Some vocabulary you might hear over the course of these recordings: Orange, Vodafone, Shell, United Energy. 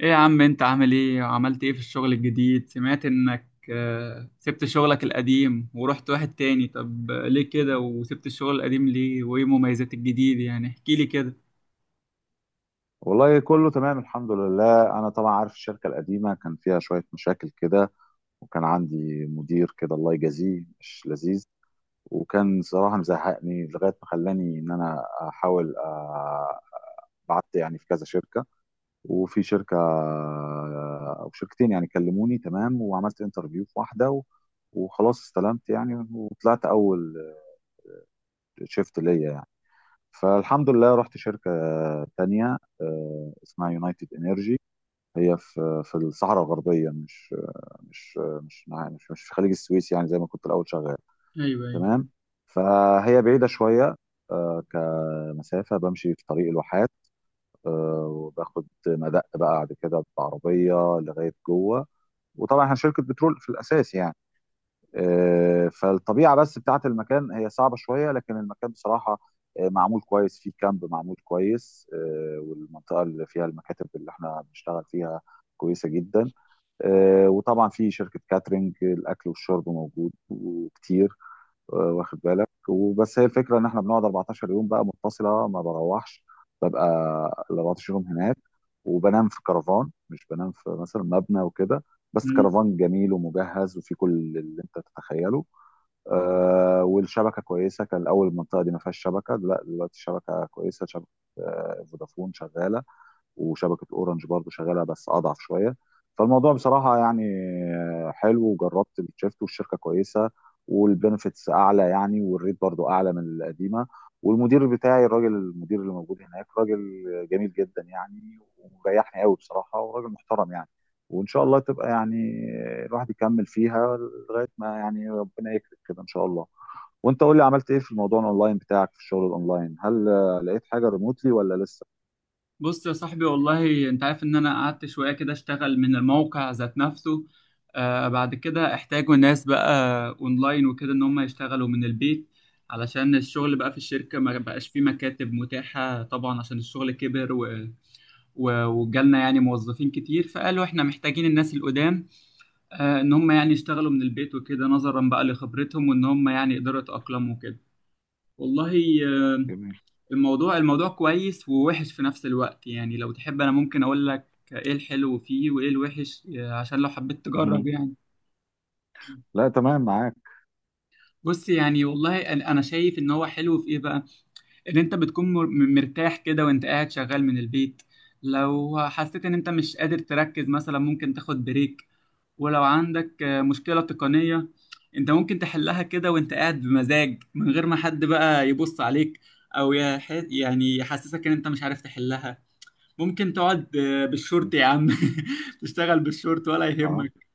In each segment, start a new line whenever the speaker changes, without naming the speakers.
ايه يا عم، انت عامل ايه وعملت ايه في الشغل الجديد؟ سمعت انك سبت شغلك القديم ورحت واحد تاني. طب ليه كده؟ وسبت الشغل القديم ليه؟ وايه مميزات الجديد؟ يعني احكي لي كده.
والله كله تمام، الحمد لله. انا طبعا عارف الشركه القديمه كان فيها شويه مشاكل كده، وكان عندي مدير كده الله يجازيه مش لذيذ. وكان صراحه مزهقني لغايه ما خلاني ان انا احاول. بعت يعني في كذا شركه، وفي شركه او شركتين يعني كلموني تمام، وعملت انترفيو في واحده وخلاص استلمت يعني وطلعت اول شيفت ليا يعني. فالحمد لله رحت شركه تانية. اسمها يونايتد انرجي، هي في الصحراء الغربيه، مش مش مش في خليج السويس يعني، زي ما كنت الاول شغال
ايوه ايوه.
تمام. فهي بعيده شويه. كمسافه بمشي في طريق الواحات، وباخد مدق بقى بعد كده بعربيه لغايه جوه. وطبعا احنا شركه بترول في الاساس يعني. فالطبيعه بس بتاعه المكان هي صعبه شويه، لكن المكان بصراحه معمول كويس، فيه كامب معمول كويس، والمنطقه اللي فيها المكاتب اللي احنا بنشتغل فيها كويسه جدا. وطبعا في شركة كاترينج، الأكل والشرب موجود وكتير. واخد بالك؟ وبس هي الفكرة إن إحنا بنقعد 14 يوم بقى متصلة، ما بروحش، ببقى ال 14 يوم هناك، وبنام في كرفان، مش بنام في مثلا مبنى وكده. بس
مم.
كرفان جميل ومجهز وفي كل اللي انت تتخيله. والشبكه كويسه، كان الاول المنطقه دي ما فيهاش شبكه، لا دلوقتي الشبكه كويسه، شبكه فودافون شغاله وشبكه اورنج برضو شغاله بس اضعف شويه. فالموضوع بصراحه يعني حلو، وجربت الشيفت والشركه كويسه، والبنفيتس اعلى يعني، والريت برضو اعلى من القديمه. والمدير بتاعي، الراجل المدير اللي موجود هناك، راجل جميل جدا يعني، ومريحني قوي بصراحه، وراجل محترم يعني. وان شاء الله تبقى يعني الواحد يكمل فيها لغايه ما يعني ربنا يكرم كده ان شاء الله. وانت قول لي، عملت ايه في الموضوع الاونلاين بتاعك؟ في الشغل الاونلاين، هل لقيت حاجه ريموتلي ولا لسه؟
بص يا صاحبي، والله انت عارف ان انا قعدت شوية كده اشتغل من الموقع ذات نفسه. آه بعد كده احتاجوا ناس بقى اونلاين وكده، ان هم يشتغلوا من البيت، علشان الشغل بقى في الشركة ما بقاش فيه مكاتب متاحة طبعا عشان الشغل كبر. وجالنا يعني موظفين كتير، فقالوا احنا محتاجين الناس القدام ان هم يعني يشتغلوا من البيت وكده نظرا بقى لخبرتهم وان هم يعني يقدروا يتأقلموا وكده. والله آه، الموضوع كويس ووحش في نفس الوقت يعني. لو تحب انا ممكن اقول لك ايه الحلو فيه وايه الوحش، عشان لو حبيت تجرب
جميل.
يعني.
لا تمام، معاك.
بص، يعني والله أنا شايف ان هو حلو في ايه بقى. ان انت بتكون مرتاح كده وانت قاعد شغال من البيت. لو حسيت ان انت مش قادر تركز مثلا ممكن تاخد بريك. ولو عندك مشكلة تقنية، انت ممكن تحلها كده وانت قاعد بمزاج من غير ما حد بقى يبص عليك، او يعني يحسسك ان انت مش عارف تحلها. ممكن تقعد
م.
بالشورت يا عم تشتغل بالشورت ولا
اه،
يهمك.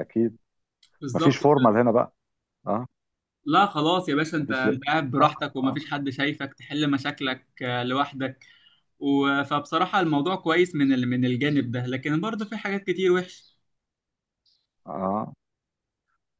اكيد. مفيش
بالظبط.
فورمال هنا بقى. اه.
لا خلاص يا باشا، انت
مفيش
انت قاعد
اه،
براحتك
اه.
ومفيش حد شايفك، تحل مشاكلك لوحدك. فبصراحة الموضوع كويس من من الجانب ده، لكن برضه في حاجات كتير وحش.
اه.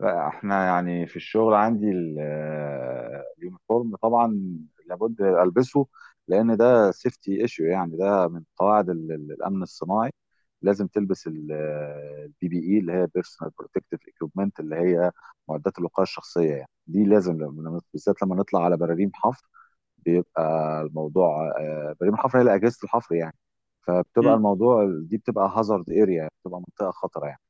لا احنا يعني في الشغل عندي اليونيفورم طبعا لابد البسه، لان ده سيفتي ايشيو يعني، ده من قواعد الامن الصناعي. لازم تلبس البي بي اي اللي هي بيرسونال بروتكتيف ايكويبمنت اللي هي معدات الوقايه الشخصيه يعني، دي لازم لما بالذات لما نطلع على براريم حفر، بيبقى الموضوع. بريم الحفر هي اللي اجهزه الحفر يعني، فبتبقى
مم.
الموضوع دي بتبقى هازارد اريا، بتبقى منطقه خطره يعني.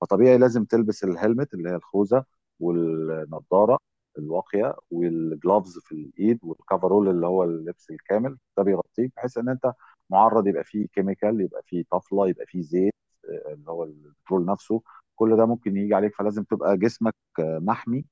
فطبيعي لازم تلبس الهلمت اللي هي الخوذه، والنضاره الواقيه، والجلافز في الايد، والكفرول اللي هو اللبس الكامل، ده بيغطيك بحيث ان انت معرض، يبقى فيه كيميكال، يبقى فيه طفله، يبقى فيه زيت، اللي هو البترول نفسه، كل ده ممكن يجي عليك، فلازم تبقى جسمك محمي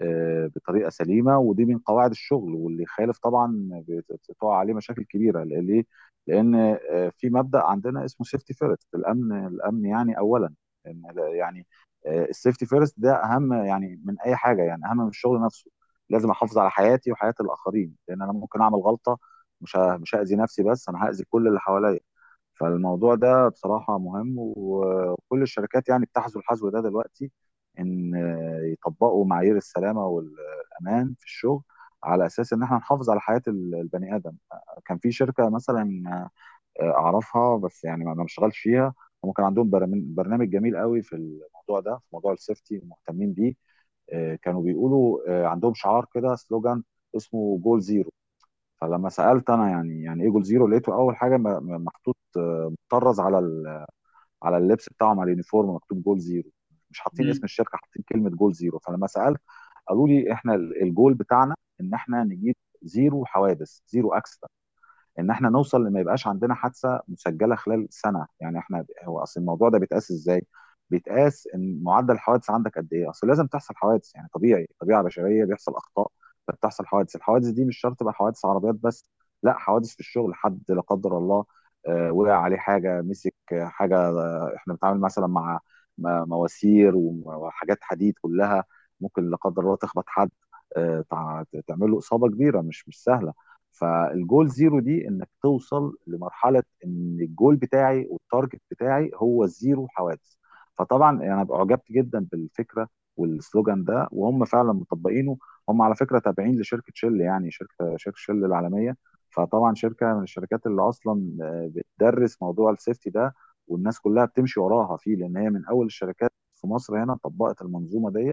بطريقه سليمه. ودي من قواعد الشغل، واللي يخالف طبعا بتقع عليه مشاكل كبيره. ليه؟ لان في مبدا عندنا اسمه سيفتي فيرست، الامن الامن يعني اولا. إن ده يعني السيفتي فيرست ده اهم يعني من اي حاجه، يعني اهم من الشغل نفسه. لازم احافظ على حياتي وحياه الاخرين، لان انا ممكن اعمل غلطه، مش هاذي نفسي بس، انا هاذي كل اللي حواليا. فالموضوع ده بصراحة مهم، وكل الشركات يعني بتحذو الحذو ده دلوقتي، إن يطبقوا معايير السلامة والأمان في الشغل، على أساس إن إحنا نحافظ على حياة البني آدم. كان في شركة مثلا أعرفها، بس يعني ما بشتغلش فيها، هم كان عندهم برنامج جميل قوي في الموضوع ده، في موضوع السيفتي مهتمين بيه. كانوا بيقولوا، عندهم شعار كده، سلوجان اسمه جول زيرو. فلما سالت انا يعني، يعني ايه جول زيرو، لقيته اول حاجه محطوط، مطرز على على اللبس بتاعهم، على اليونيفورم مكتوب جول زيرو، مش حاطين اسم
مم.
الشركه، حاطين كلمه جول زيرو. فلما سالت، قالوا لي احنا الجول بتاعنا ان احنا نجيب زيرو حوادث، زيرو اكسيدنت، ان احنا نوصل لما يبقاش عندنا حادثه مسجله خلال سنه. يعني احنا، هو اصل الموضوع ده بيتقاس ازاي؟ بيتقاس ان معدل الحوادث عندك قد ايه؟ اصل لازم تحصل حوادث يعني، طبيعي، طبيعه بشريه بيحصل اخطاء، فبتحصل حوادث. الحوادث دي مش شرط تبقى حوادث عربيات بس، لا، حوادث في الشغل، حد لا قدر الله وقع عليه حاجه، مسك حاجه. احنا بنتعامل مثلا مع مواسير وحاجات حديد كلها، ممكن لا قدر الله تخبط حد، تعمل له اصابه كبيره مش سهله. فالجول زيرو دي انك توصل لمرحله ان الجول بتاعي والتارجت بتاعي هو زيرو حوادث. فطبعا انا يعني اعجبت جدا بالفكره والسلوجان ده، وهم فعلا مطبقينه. هم على فكره تابعين لشركه شل، يعني شركه شل العالميه، فطبعا شركه من الشركات اللي اصلا بتدرس موضوع السيفتي ده، والناس كلها بتمشي وراها فيه، لان هي من اول الشركات في مصر هنا طبقت المنظومه دي،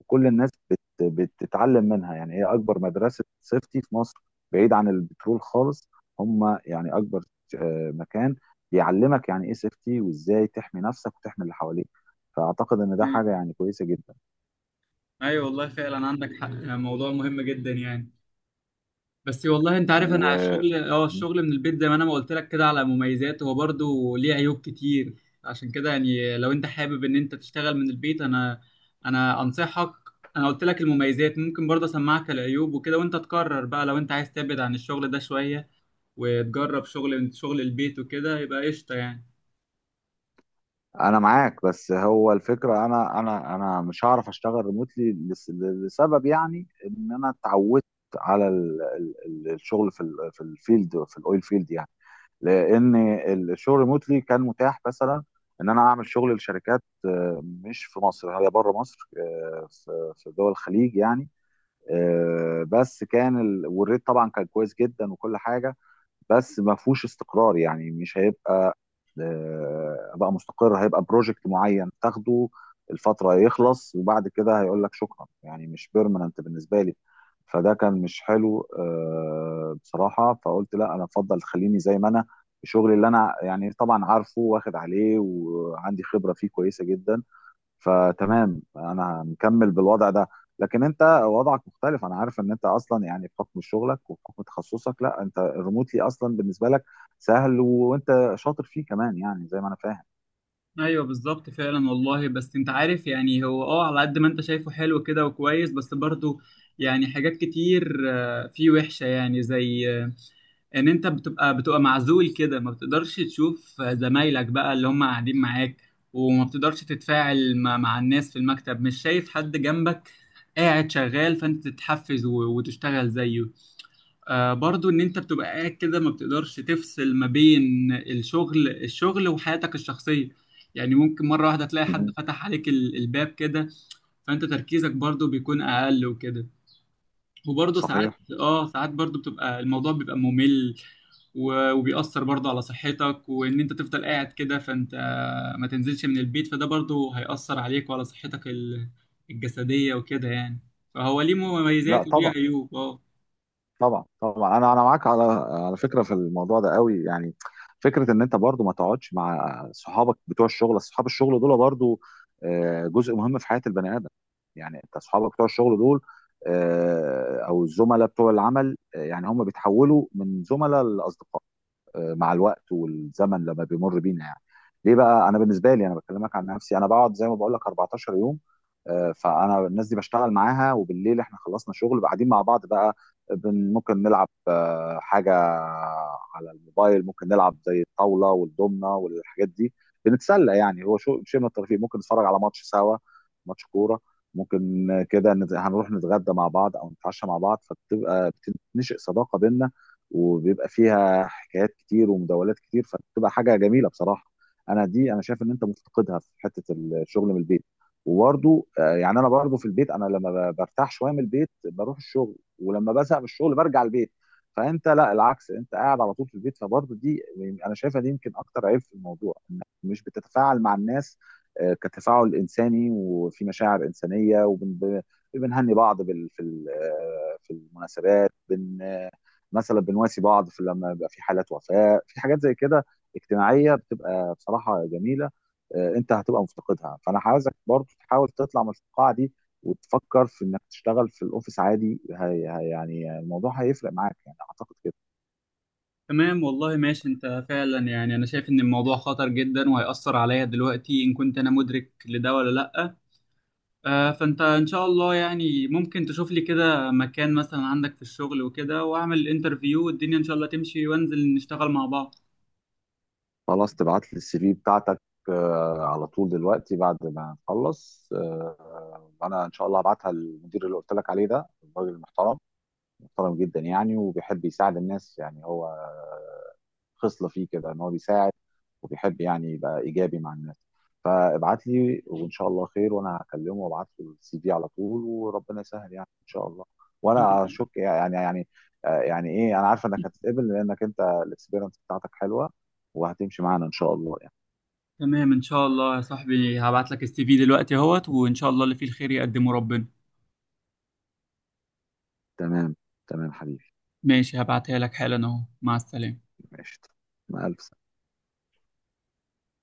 وكل الناس بتتعلم منها. يعني هي اكبر مدرسه سيفتي في مصر، بعيد عن البترول خالص، هم يعني اكبر مكان بيعلمك يعني ايه سيفتي، وازاي تحمي نفسك وتحمي اللي حواليك. فاعتقد ان ده حاجه
ايوه.
يعني كويسه جدا.
أيوة والله فعلا عندك حق، موضوع مهم جدا يعني. بس والله انت عارف انا
وانا
الشغل اه الشغل من البيت زي ما انا ما قلت لك كده على مميزات، هو برضه ليه عيوب كتير. عشان كده يعني لو انت حابب ان انت تشتغل من البيت، انا انصحك. انا قلت لك المميزات، ممكن برضه اسمعك العيوب وكده وانت تقرر بقى. لو انت عايز تبعد عن الشغل ده شوية وتجرب شغل البيت وكده يبقى قشطة يعني.
معاك، بس هو الفكره، انا انا مش هعرف اشتغل ريموتلي، لسبب يعني ان انا اتعودت على الشغل في الفيلد، في الاويل فيلد يعني، لان الشغل ريموتلي كان متاح مثلا ان انا اعمل شغل لشركات مش في مصر، هي بره مصر، في دول الخليج يعني. بس كان والريت طبعا كان كويس جدا وكل حاجه، بس ما فيهوش استقرار، يعني مش هيبقى بقى مستقر، هيبقى بروجكت معين تاخده الفتره، يخلص، وبعد كده هيقول لك شكرا، يعني مش بيرمننت بالنسبه لي. فده كان مش حلو بصراحه. فقلت لا، انا افضل خليني زي ما انا، الشغل اللي انا يعني طبعا عارفه واخد عليه وعندي خبره فيه كويسه جدا، فتمام انا مكمل بالوضع ده. لكن انت وضعك مختلف، انا عارف ان انت اصلا يعني بحكم شغلك وبحكم تخصصك، لا، انت الريموتلي اصلا بالنسبه لك سهل وانت شاطر فيه كمان، يعني زي ما انا فاهم.
ايوه بالظبط فعلا والله. بس انت عارف يعني، هو اه على قد ما انت شايفه حلو كده وكويس، بس برضه يعني حاجات كتير فيه وحشة. يعني زي ان انت بتبقى معزول كده، ما بتقدرش تشوف زمايلك بقى اللي هم قاعدين معاك. وما بتقدرش تتفاعل مع الناس في المكتب. مش شايف حد جنبك قاعد شغال فانت تتحفز وتشتغل زيه. آه برضو ان انت بتبقى قاعد كده ما بتقدرش تفصل ما بين الشغل وحياتك الشخصية. يعني ممكن مرة واحدة تلاقي حد
مهم.
فتح عليك الباب كده، فانت تركيزك برضو بيكون اقل وكده. وبرضو ساعات،
صحيح.
اه ساعات برضو بتبقى الموضوع بيبقى ممل. وبيأثر برضو على صحتك وان انت تفضل قاعد كده فانت ما تنزلش من البيت، فده برضو هيأثر عليك وعلى صحتك الجسدية وكده يعني. فهو ليه
لا
مميزات وليه
طبعا،
عيوب اه.
طبعا طبعا، انا معاك على فكره في الموضوع ده قوي يعني. فكره ان انت برضو ما تقعدش مع صحابك بتوع الشغل، اصحاب الشغل دول برضو جزء مهم في حياه البني ادم، يعني انت اصحابك بتوع الشغل دول، او الزملاء بتوع العمل، يعني هم بيتحولوا من زملاء لاصدقاء مع الوقت والزمن لما بيمر بينا يعني. ليه بقى؟ انا بالنسبه لي، انا بكلمك عن نفسي، انا بقعد زي ما بقول لك 14 يوم، فانا الناس دي بشتغل معاها، وبالليل احنا خلصنا شغل بقى قاعدين مع بعض بقى، ممكن نلعب حاجه على الموبايل، ممكن نلعب زي الطاوله والدومنه والحاجات دي، بنتسلى يعني، هو شو شيء من الترفيه، ممكن نتفرج على ماتش سوا، ماتش كوره. ممكن كده هنروح نتغدى مع بعض او نتعشى مع بعض، فبتبقى، بتنشئ صداقه بينا، وبيبقى فيها، بتبقى حكايات كتير ومداولات كتير، فبتبقى حاجه جميله بصراحه. انا دي انا شايف ان انت مفتقدها في حته الشغل من البيت. وبرضو يعني انا برضو في البيت، انا لما برتاح شويه من البيت بروح الشغل، ولما بزهق من الشغل برجع البيت. فانت لا، العكس، انت قاعد على طول في البيت، فبرضو دي يعني انا شايفها دي يمكن اكتر عيب في الموضوع، انك مش بتتفاعل مع الناس كتفاعل انساني، وفي مشاعر انسانيه وبنهني بعض بال- في ال- آه، في المناسبات، مثلا بنواسي بعض في لما بيبقى في حالات وفاة، في حاجات زي كده اجتماعية بتبقى بصراحة جميلة. انت هتبقى مفتقدها، فانا عاوزك برضو تحاول تطلع من الفقاعة دي، وتفكر في انك تشتغل في الاوفيس عادي، هي يعني الموضوع هيفرق معاك، يعني اعتقد كده.
تمام والله، ماشي. انت فعلا يعني انا شايف ان الموضوع خطر جدا وهيأثر عليا دلوقتي، ان كنت انا مدرك لده ولا لأ. آه فانت ان شاء الله يعني ممكن تشوف لي كده مكان مثلا عندك في الشغل وكده، واعمل الانترفيو والدنيا ان شاء الله تمشي وانزل نشتغل مع بعض.
خلاص، تبعت لي السي في بتاعتك على طول دلوقتي بعد ما نخلص، وانا ان شاء الله هبعتها للمدير اللي قلت لك عليه ده، الراجل المحترم، محترم جدا يعني، وبيحب يساعد الناس، يعني هو خصلة فيه كده ان هو بيساعد، وبيحب يعني يبقى ايجابي مع الناس. فابعت لي وان شاء الله خير، وانا هكلمه وابعت له السي في على طول، وربنا يسهل يعني ان شاء الله. وانا
تمام.
اشك يعني يعني ايه، انا عارفه انك هتتقبل، لانك انت الاكسبيرينس بتاعتك حلوه، وهتمشي معانا ان شاء الله يعني.
تمام، ان شاء الله يا صاحبي، هبعت لك السي في دلوقتي اهوت، وان شاء الله اللي فيه الخير يقدمه ربنا.
تمام، تمام حبيبي.
ماشي، هبعتها لك حالا اهو. مع السلامة.
ماشي، مع الف